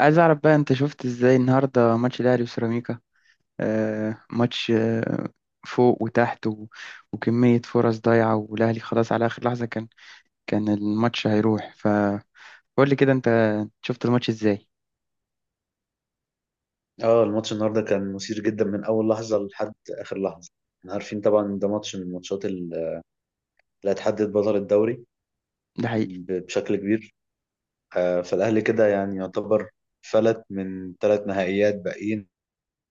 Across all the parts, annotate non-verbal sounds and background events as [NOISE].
عايز اعرف بقى انت شفت ازاي النهارده ماتش الاهلي وسيراميكا. ماتش فوق وتحت وكمية فرص ضايعة، والاهلي خلاص على اخر لحظة كان الماتش هيروح، فقول لي كده انت شفت الماتش ازاي؟ اه الماتش النهارده كان مثير جدا من اول لحظه لحد اخر لحظه. احنا عارفين طبعا إن ده ماتش من الماتشات اللي هتحدد بطل الدوري ده حقيقي. بشكل كبير. آه، فالاهلي كده يعني يعتبر فلت من ثلاث نهائيات باقيين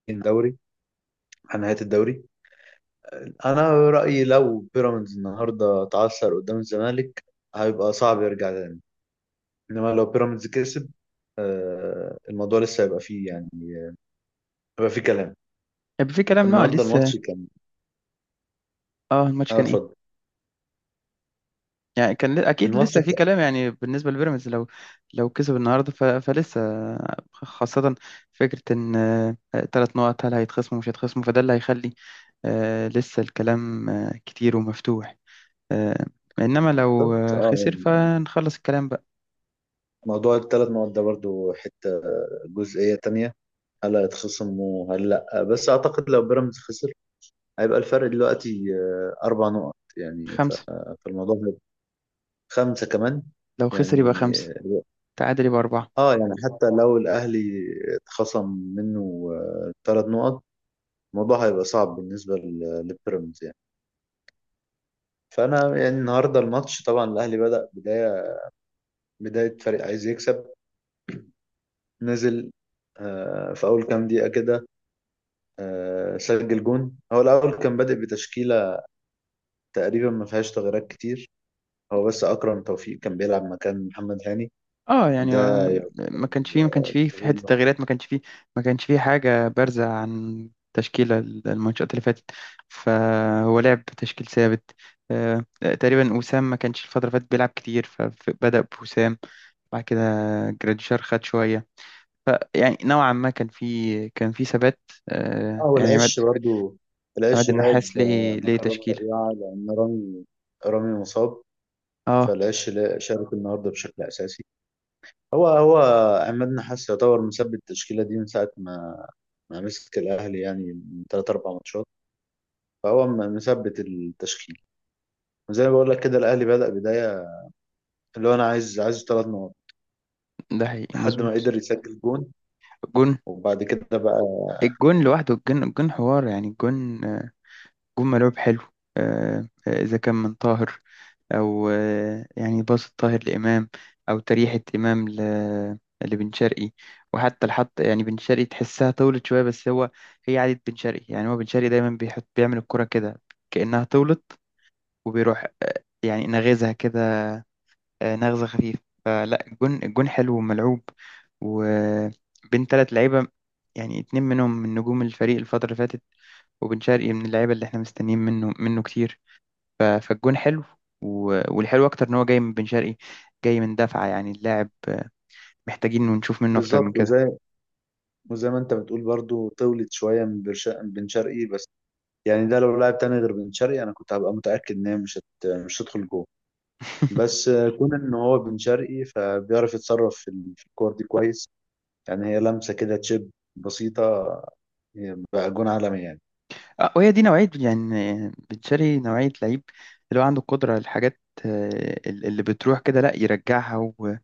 دوري عن نهايه الدوري. انا رايي لو بيراميدز النهارده اتعثر قدام الزمالك هيبقى صعب يرجع تاني، انما لو بيراميدز كسب آه، الموضوع لسه هيبقى فيه، يعني هيبقى فيه كلام. طب في كلام، لا النهارده لسه. الماتش كان. اه الماتش اه كان اتفضل. إيه؟ يعني كان اكيد الماتش لسه في كان. كلام، يعني بالنسبه لبيراميدز لو كسب النهارده فلسه، خاصه فكره ان ثلاث نقط هل هيتخصموا مش هيتخصموا، فده اللي هيخلي لسه الكلام كتير ومفتوح. آه، انما لو بالظبط اه. خسر فنخلص الكلام بقى. موضوع الثلاث مواد ده برضو حتة جزئية تانية، هل هيتخصم وهل لأ؟ بس أعتقد لو بيراميدز خسر هيبقى الفرق دلوقتي آه، أربع نقط، خمسه. فالموضوع هيبقى خمسة كمان لو خسر يبقى يعني. خمسه، تعادل يبقى اربعه. اه يعني حتى لو الأهلي اتخصم منه ثلاث نقط الموضوع هيبقى صعب بالنسبة للبيراميدز يعني. فأنا يعني النهاردة الماتش طبعا الأهلي بدأ بداية فريق عايز يكسب. نزل آه، في أول كام دقيقة كده، آه، سجل جون. هو الأول كان بادئ بتشكيلة تقريبا ما فيهاش تغييرات كتير. هو بس أكرم توفيق كان بيلعب مكان محمد هاني، اه يعني ده يعتبر ما كانش فيه في التغيير حته الوحيد. تغييرات، ما كانش فيه حاجه بارزه عن تشكيله الماتشات اللي فاتت، فهو لعب بتشكيل ثابت. تقريبا وسام ما كانش الفتره اللي فاتت بيلعب كتير فبدا بوسام. بعد كده جراديشار خد شويه، فيعني نوعا ما كان في ثبات. اه يعني والعش برضو، عماد العش النحاس لعب آه، ليه مكان رامي تشكيله. ربيعة لأن رامي مصاب. اه فالعش شارك النهارده بشكل أساسي. هو عماد نحاس يعتبر مثبت التشكيلة دي من ساعة ما مسك الأهلي، يعني من تلات أربع ماتشات، فهو مثبت التشكيل. وزي ما بقول لك كده الأهلي بدأ بداية اللي هو انا عايز ثلاث نقط ده حقيقي لحد ما مظبوط. قدر يسجل جون. جون. وبعد كده بقى الجون لوحده، الجون حوار يعني الجون، جون ملعوب حلو. إذا كان من طاهر، أو يعني باص طاهر لإمام، أو تريحة إمام لبن شرقي. وحتى الحط، يعني بن شرقي تحسها طولت شوية، بس هو هي عادة بن شرقي، يعني هو بن شرقي دايما بيحط، بيعمل الكرة كده كأنها طولت، وبيروح يعني نغزها كده، نغزة خفيفة. فلا الجون حلو وملعوب، وبين تلات لعيبة، يعني اتنين منهم من نجوم الفريق الفترة اللي فاتت، وبن شرقي من اللعيبة اللي احنا مستنيين منه كتير. فالجون حلو، والحلو اكتر ان هو جاي من بن شرقي، جاي من دفعه، يعني اللاعب محتاجين ونشوف منه اكتر من بالظبط. كده. وزي ما انت بتقول برضو طولت شويه من من بن شرقي، بس يعني ده لو لاعب تاني غير بن شرقي انا كنت هبقى متاكد ان هي مش هتدخل جوه. بس آه، كون ان هو بن شرقي فبيعرف يتصرف في الكور دي كويس. يعني هي لمسه كده تشيب بسيطه، هي بقى جون عالمي يعني. وهي دي نوعيه، يعني بن شرقي نوعيه لعيب اللي هو عنده القدره، الحاجات اللي بتروح كده لا يرجعها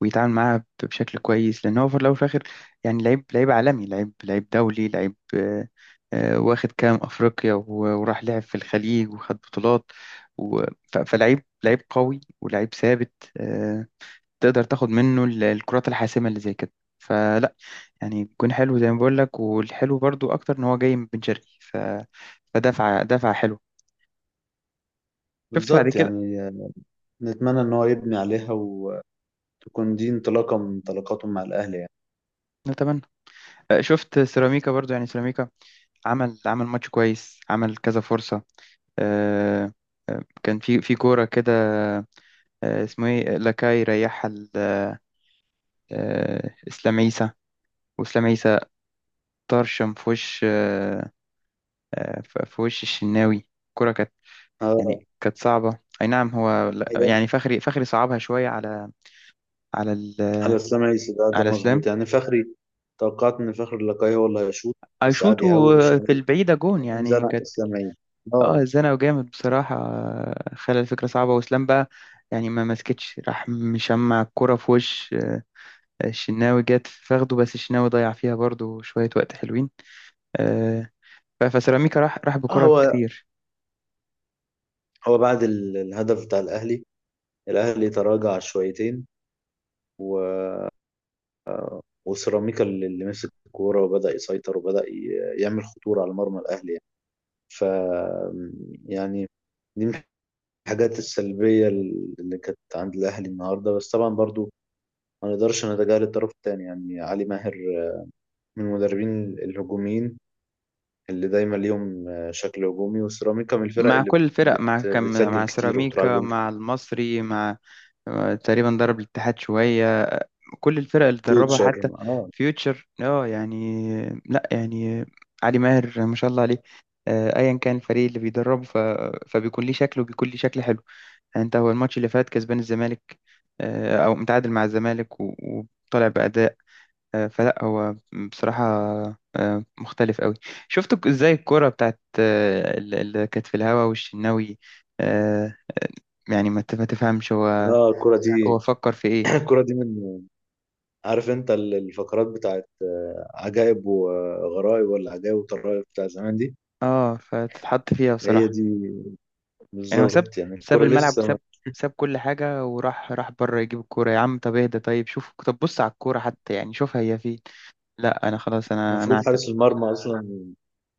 ويتعامل معاها بشكل كويس، لان هو في الاول وفي الاخر يعني لعيب عالمي، لعيب دولي، لعيب واخد كام افريقيا، وراح لعب في الخليج وخد بطولات و- فلعيب لعيب قوي ولعيب ثابت. تقدر تاخد منه الكرات الحاسمة اللي زي كده. فلا يعني جون حلو زي ما بقول لك، والحلو برضو اكتر ان هو جاي من بن شرقي فدفعة حلو. شفت بعد بالظبط كده. يعني آه، نتمنى ان هو يبني عليها وتكون دي انطلاقه من انطلاقاته مع الاهلي يعني. نتمنى. شفت سيراميكا برضو، يعني سيراميكا عمل ماتش كويس، عمل كذا فرصة. آه، كان في كورة كده، اسمه ايه، لاكاي ريحها اسلام عيسى. واسلام عيسى طرشم في وش في وش الشناوي، الكورة كانت اه يعني كانت صعبة، أي نعم هو يعني فخري صعبها شوية على على ال... على السمايسي، ده ده على سلام. مظبوط يعني فخري. توقعت ان فخر اللقاي هو اللي هيشوط بس قعد أيشوتو يهوش يعني، في البعيدة جون وبعدين يعني زنق كانت. السمايسي. اه اه زنقه جامد بصراحة، خلى الفكرة صعبة، وسلام بقى يعني ما مسكتش، راح مشمع الكرة في وش الشناوي، جت فاخده، بس الشناوي ضيع فيها برضو شوية وقت حلوين. آه، فسيراميكا راح آه، بكرة كتير. هو بعد الهدف بتاع الاهلي، الاهلي تراجع شويتين، و... وسيراميكا اللي مسك الكوره وبدا يسيطر وبدا يعمل خطوره على مرمى الاهلي يعني. ف يعني دي من الحاجات السلبيه اللي كانت عند الاهلي النهارده. بس طبعا برضو ما نقدرش نتجاهل الطرف الثاني، يعني علي ماهر من المدربين الهجوميين اللي دايما ليهم آه، شكل هجومي. وسيراميكا من الفرق مع اللي كل الفرق، مع كم، بتسجل مع كتير وبتراعي سيراميكا، جون مع كتير. المصري، مع تقريبا ضرب الاتحاد شوية، كل الفرق اللي دربها فيوتشر حتى اه. فيوتشر. اه يعني لا يعني علي ماهر ما شاء الله عليه. ايا كان الفريق اللي بيدربه فبيكون ليه شكله، وبيكون ليه شكل حلو. يعني انت هو الماتش اللي فات كسبان الزمالك او متعادل مع الزمالك وطالع باداء. فلا هو بصراحه مختلف قوي. شفت ازاي الكرة بتاعت اللي كانت في الهوا والشناوي، آه، يعني ما تفهمش هو، اه الكرة هو دي، فكر في ايه؟ [CLEARS THROAT] الكرة دي من، عارف انت الفقرات بتاعت آه، عجائب وغرائب ولا عجائب وطرائب بتاع زمان دي؟ اه فتتحط فيها هي بصراحة. دي يعني هو ساب بالظبط يعني. ساب الكرة الملعب، لسه، وساب كل حاجة، وراح بره يجيب الكورة، يا عم طب اهدى، طيب شوف، طب بص على الكورة حتى، يعني شوفها هي فين. لا أنا خلاص، أنا المفروض أعتمد. حارس المرمى اصلا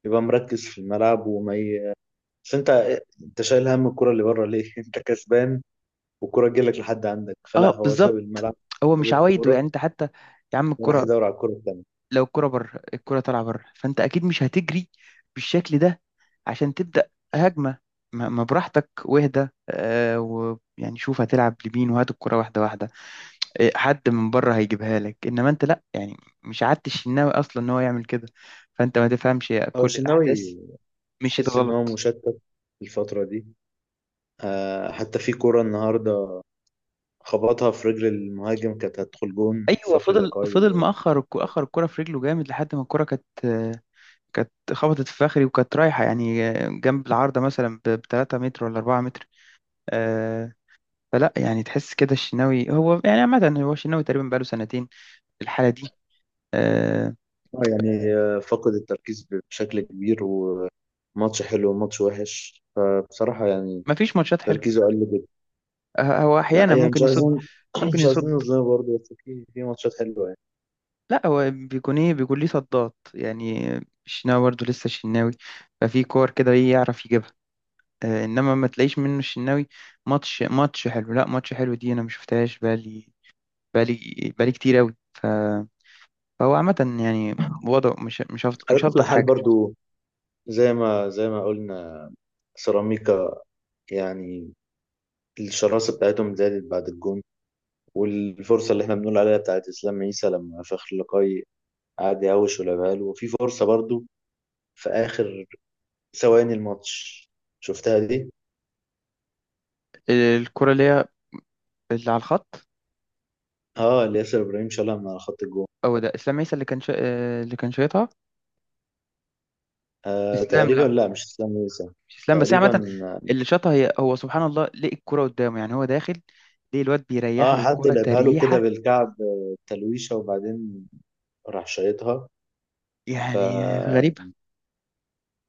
يبقى مركز في الملعب بس انت آه، انت شايل هم الكرة اللي بره ليه؟ [LAUGHS] انت كسبان والكرة تجيلك لحد عندك، فلا اه هو ساب بالظبط. الملعب، هو مش ساب عوايده، يعني الكورة أنت حتى، يا عم وراح الكورة، يدور على الكورة. لو الكورة بره، الكورة طالعة بره، فأنت أكيد مش هتجري بالشكل ده عشان تبدأ هجمة، ما براحتك واهدى آه، ويعني شوف هتلعب لمين، وهات الكورة واحدة واحدة. إيه، حد من بره هيجيبها لك، انما انت لا يعني، مش عادت الشناوي اصلا ان هو يعمل كده. فانت ما تفهمش يا هو كل الشناوي الاحداث مشيت تحس ان هو غلط. مشتت الفترة دي. آه حتى في كرة النهاردة خبطها في رجل المهاجم كانت هتدخل جون ايوه فخري فضل لقاي. فضل مأخر اخر الكرة في رجله جامد، لحد ما الكرة كانت، كانت خبطت في فخري، وكانت رايحة يعني جنب العارضة مثلا ب 3 متر ولا 4 متر. آه، فلا يعني تحس كده الشناوي، هو يعني عامة هو الشناوي تقريبا بقاله سنتين الحالة دي. آه، آه يعني آه فقد التركيز بشكل كبير، وماتش حلو وماتش وحش فبصراحة يعني مفيش ماتشات حلوة. تركيزه قل جدا. هو لا أحيانا يعني ممكن مش يصد عايزين، [CLEARS THROAT] ممكن مش يصد عايزين نظلمه برضه، بس في في ماتشات حلوة يعني. لا هو بيكون ايه، بيكون ليه صدات يعني، الشناوي برضه لسه الشناوي. ففي كور كده ايه يعرف يجيبها. انما ما تلاقيش منه الشناوي ماتش حلو، لا ماتش حلو دي انا ما شفتهاش بقالي بقالي كتير قوي فهو عامة يعني وضعه مش على كل هلطف حال حاجة. برضه، زي ما قلنا سيراميكا يعني الشراسة بتاعتهم زادت بعد الجون. والفرصة اللي احنا بنقول عليها بتاعت إسلام عيسى لما فخر لقاي قعد يهوش ولعبها له، وفي فرصة برضو في آخر ثواني الماتش، شفتها دي؟ الكرة اللي هي اللي على الخط، اه اللي ياسر إبراهيم شالها من على خط الجون. هو ده اسلام عيسى اللي كان شا... آه، اللي كان شايطها؟ آه اسلام، تقريبا لا لا مش إسلام عيسى، مش اسلام، بس هي تقريبا. عامة اللي شاطها هي، هو سبحان الله لقي الكرة قدامه، يعني هو داخل ليه الواد بيريح اه له حد الكرة لعبها له كده تريحة، بالكعب آه، تلويشة وبعدين راح شايطها. يعني غريبة.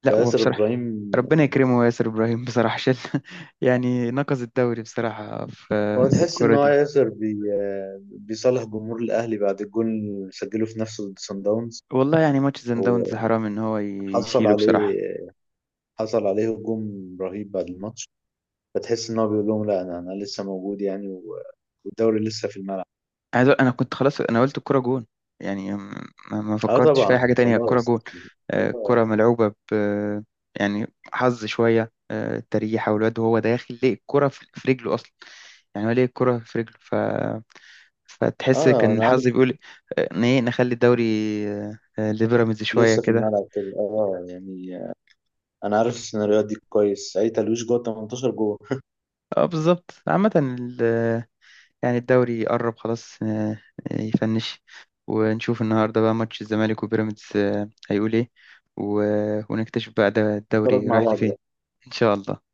لا فياسر وبصراحة إبراهيم، ربنا يكرمه ياسر إبراهيم، بصراحة شال [LAUGHS] يعني نقص الدوري بصراحة في هو في تحس إن الكرة هو دي. ياسر بي آه، بيصالح جمهور الأهلي بعد الجول اللي سجله في نفسه ضد صن داونز، والله يعني ماتش سان داونز حرام إن هو وحصل يشيله بصراحة. عليه، حصل عليه هجوم رهيب بعد الماتش. فتحس ان هو بيقول لهم لا انا لسه موجود يعني، و- والدوري لسه في الملعب. انا كنت خلاص، انا قلت الكرة جون، يعني ما اه فكرتش في اي حاجة طبعا تانية، الكرة خلاص. جون. الكرة ملعوبة ب، يعني حظ شوية، تريحة والواد وهو داخل ليه الكرة في رجله اصلا، يعني هو ليه الكرة في رجله، فتحس اه كان انا الحظ عارف بيقول ان ايه، نخلي الدوري لبيراميدز شوية لسه في كده. الملعب كده اه يعني. انا عارف السيناريوهات دي كويس، اي تلويش جوه 18 جوه. [LAUGHS] اه بالظبط. عامة يعني الدوري قرب خلاص، يفنش، ونشوف النهاردة بقى ماتش الزمالك وبيراميدز هيقول ايه، ونكتشف بقى ده اتفرج الدوري مع رايح بعض. لفين. إن شاء الله.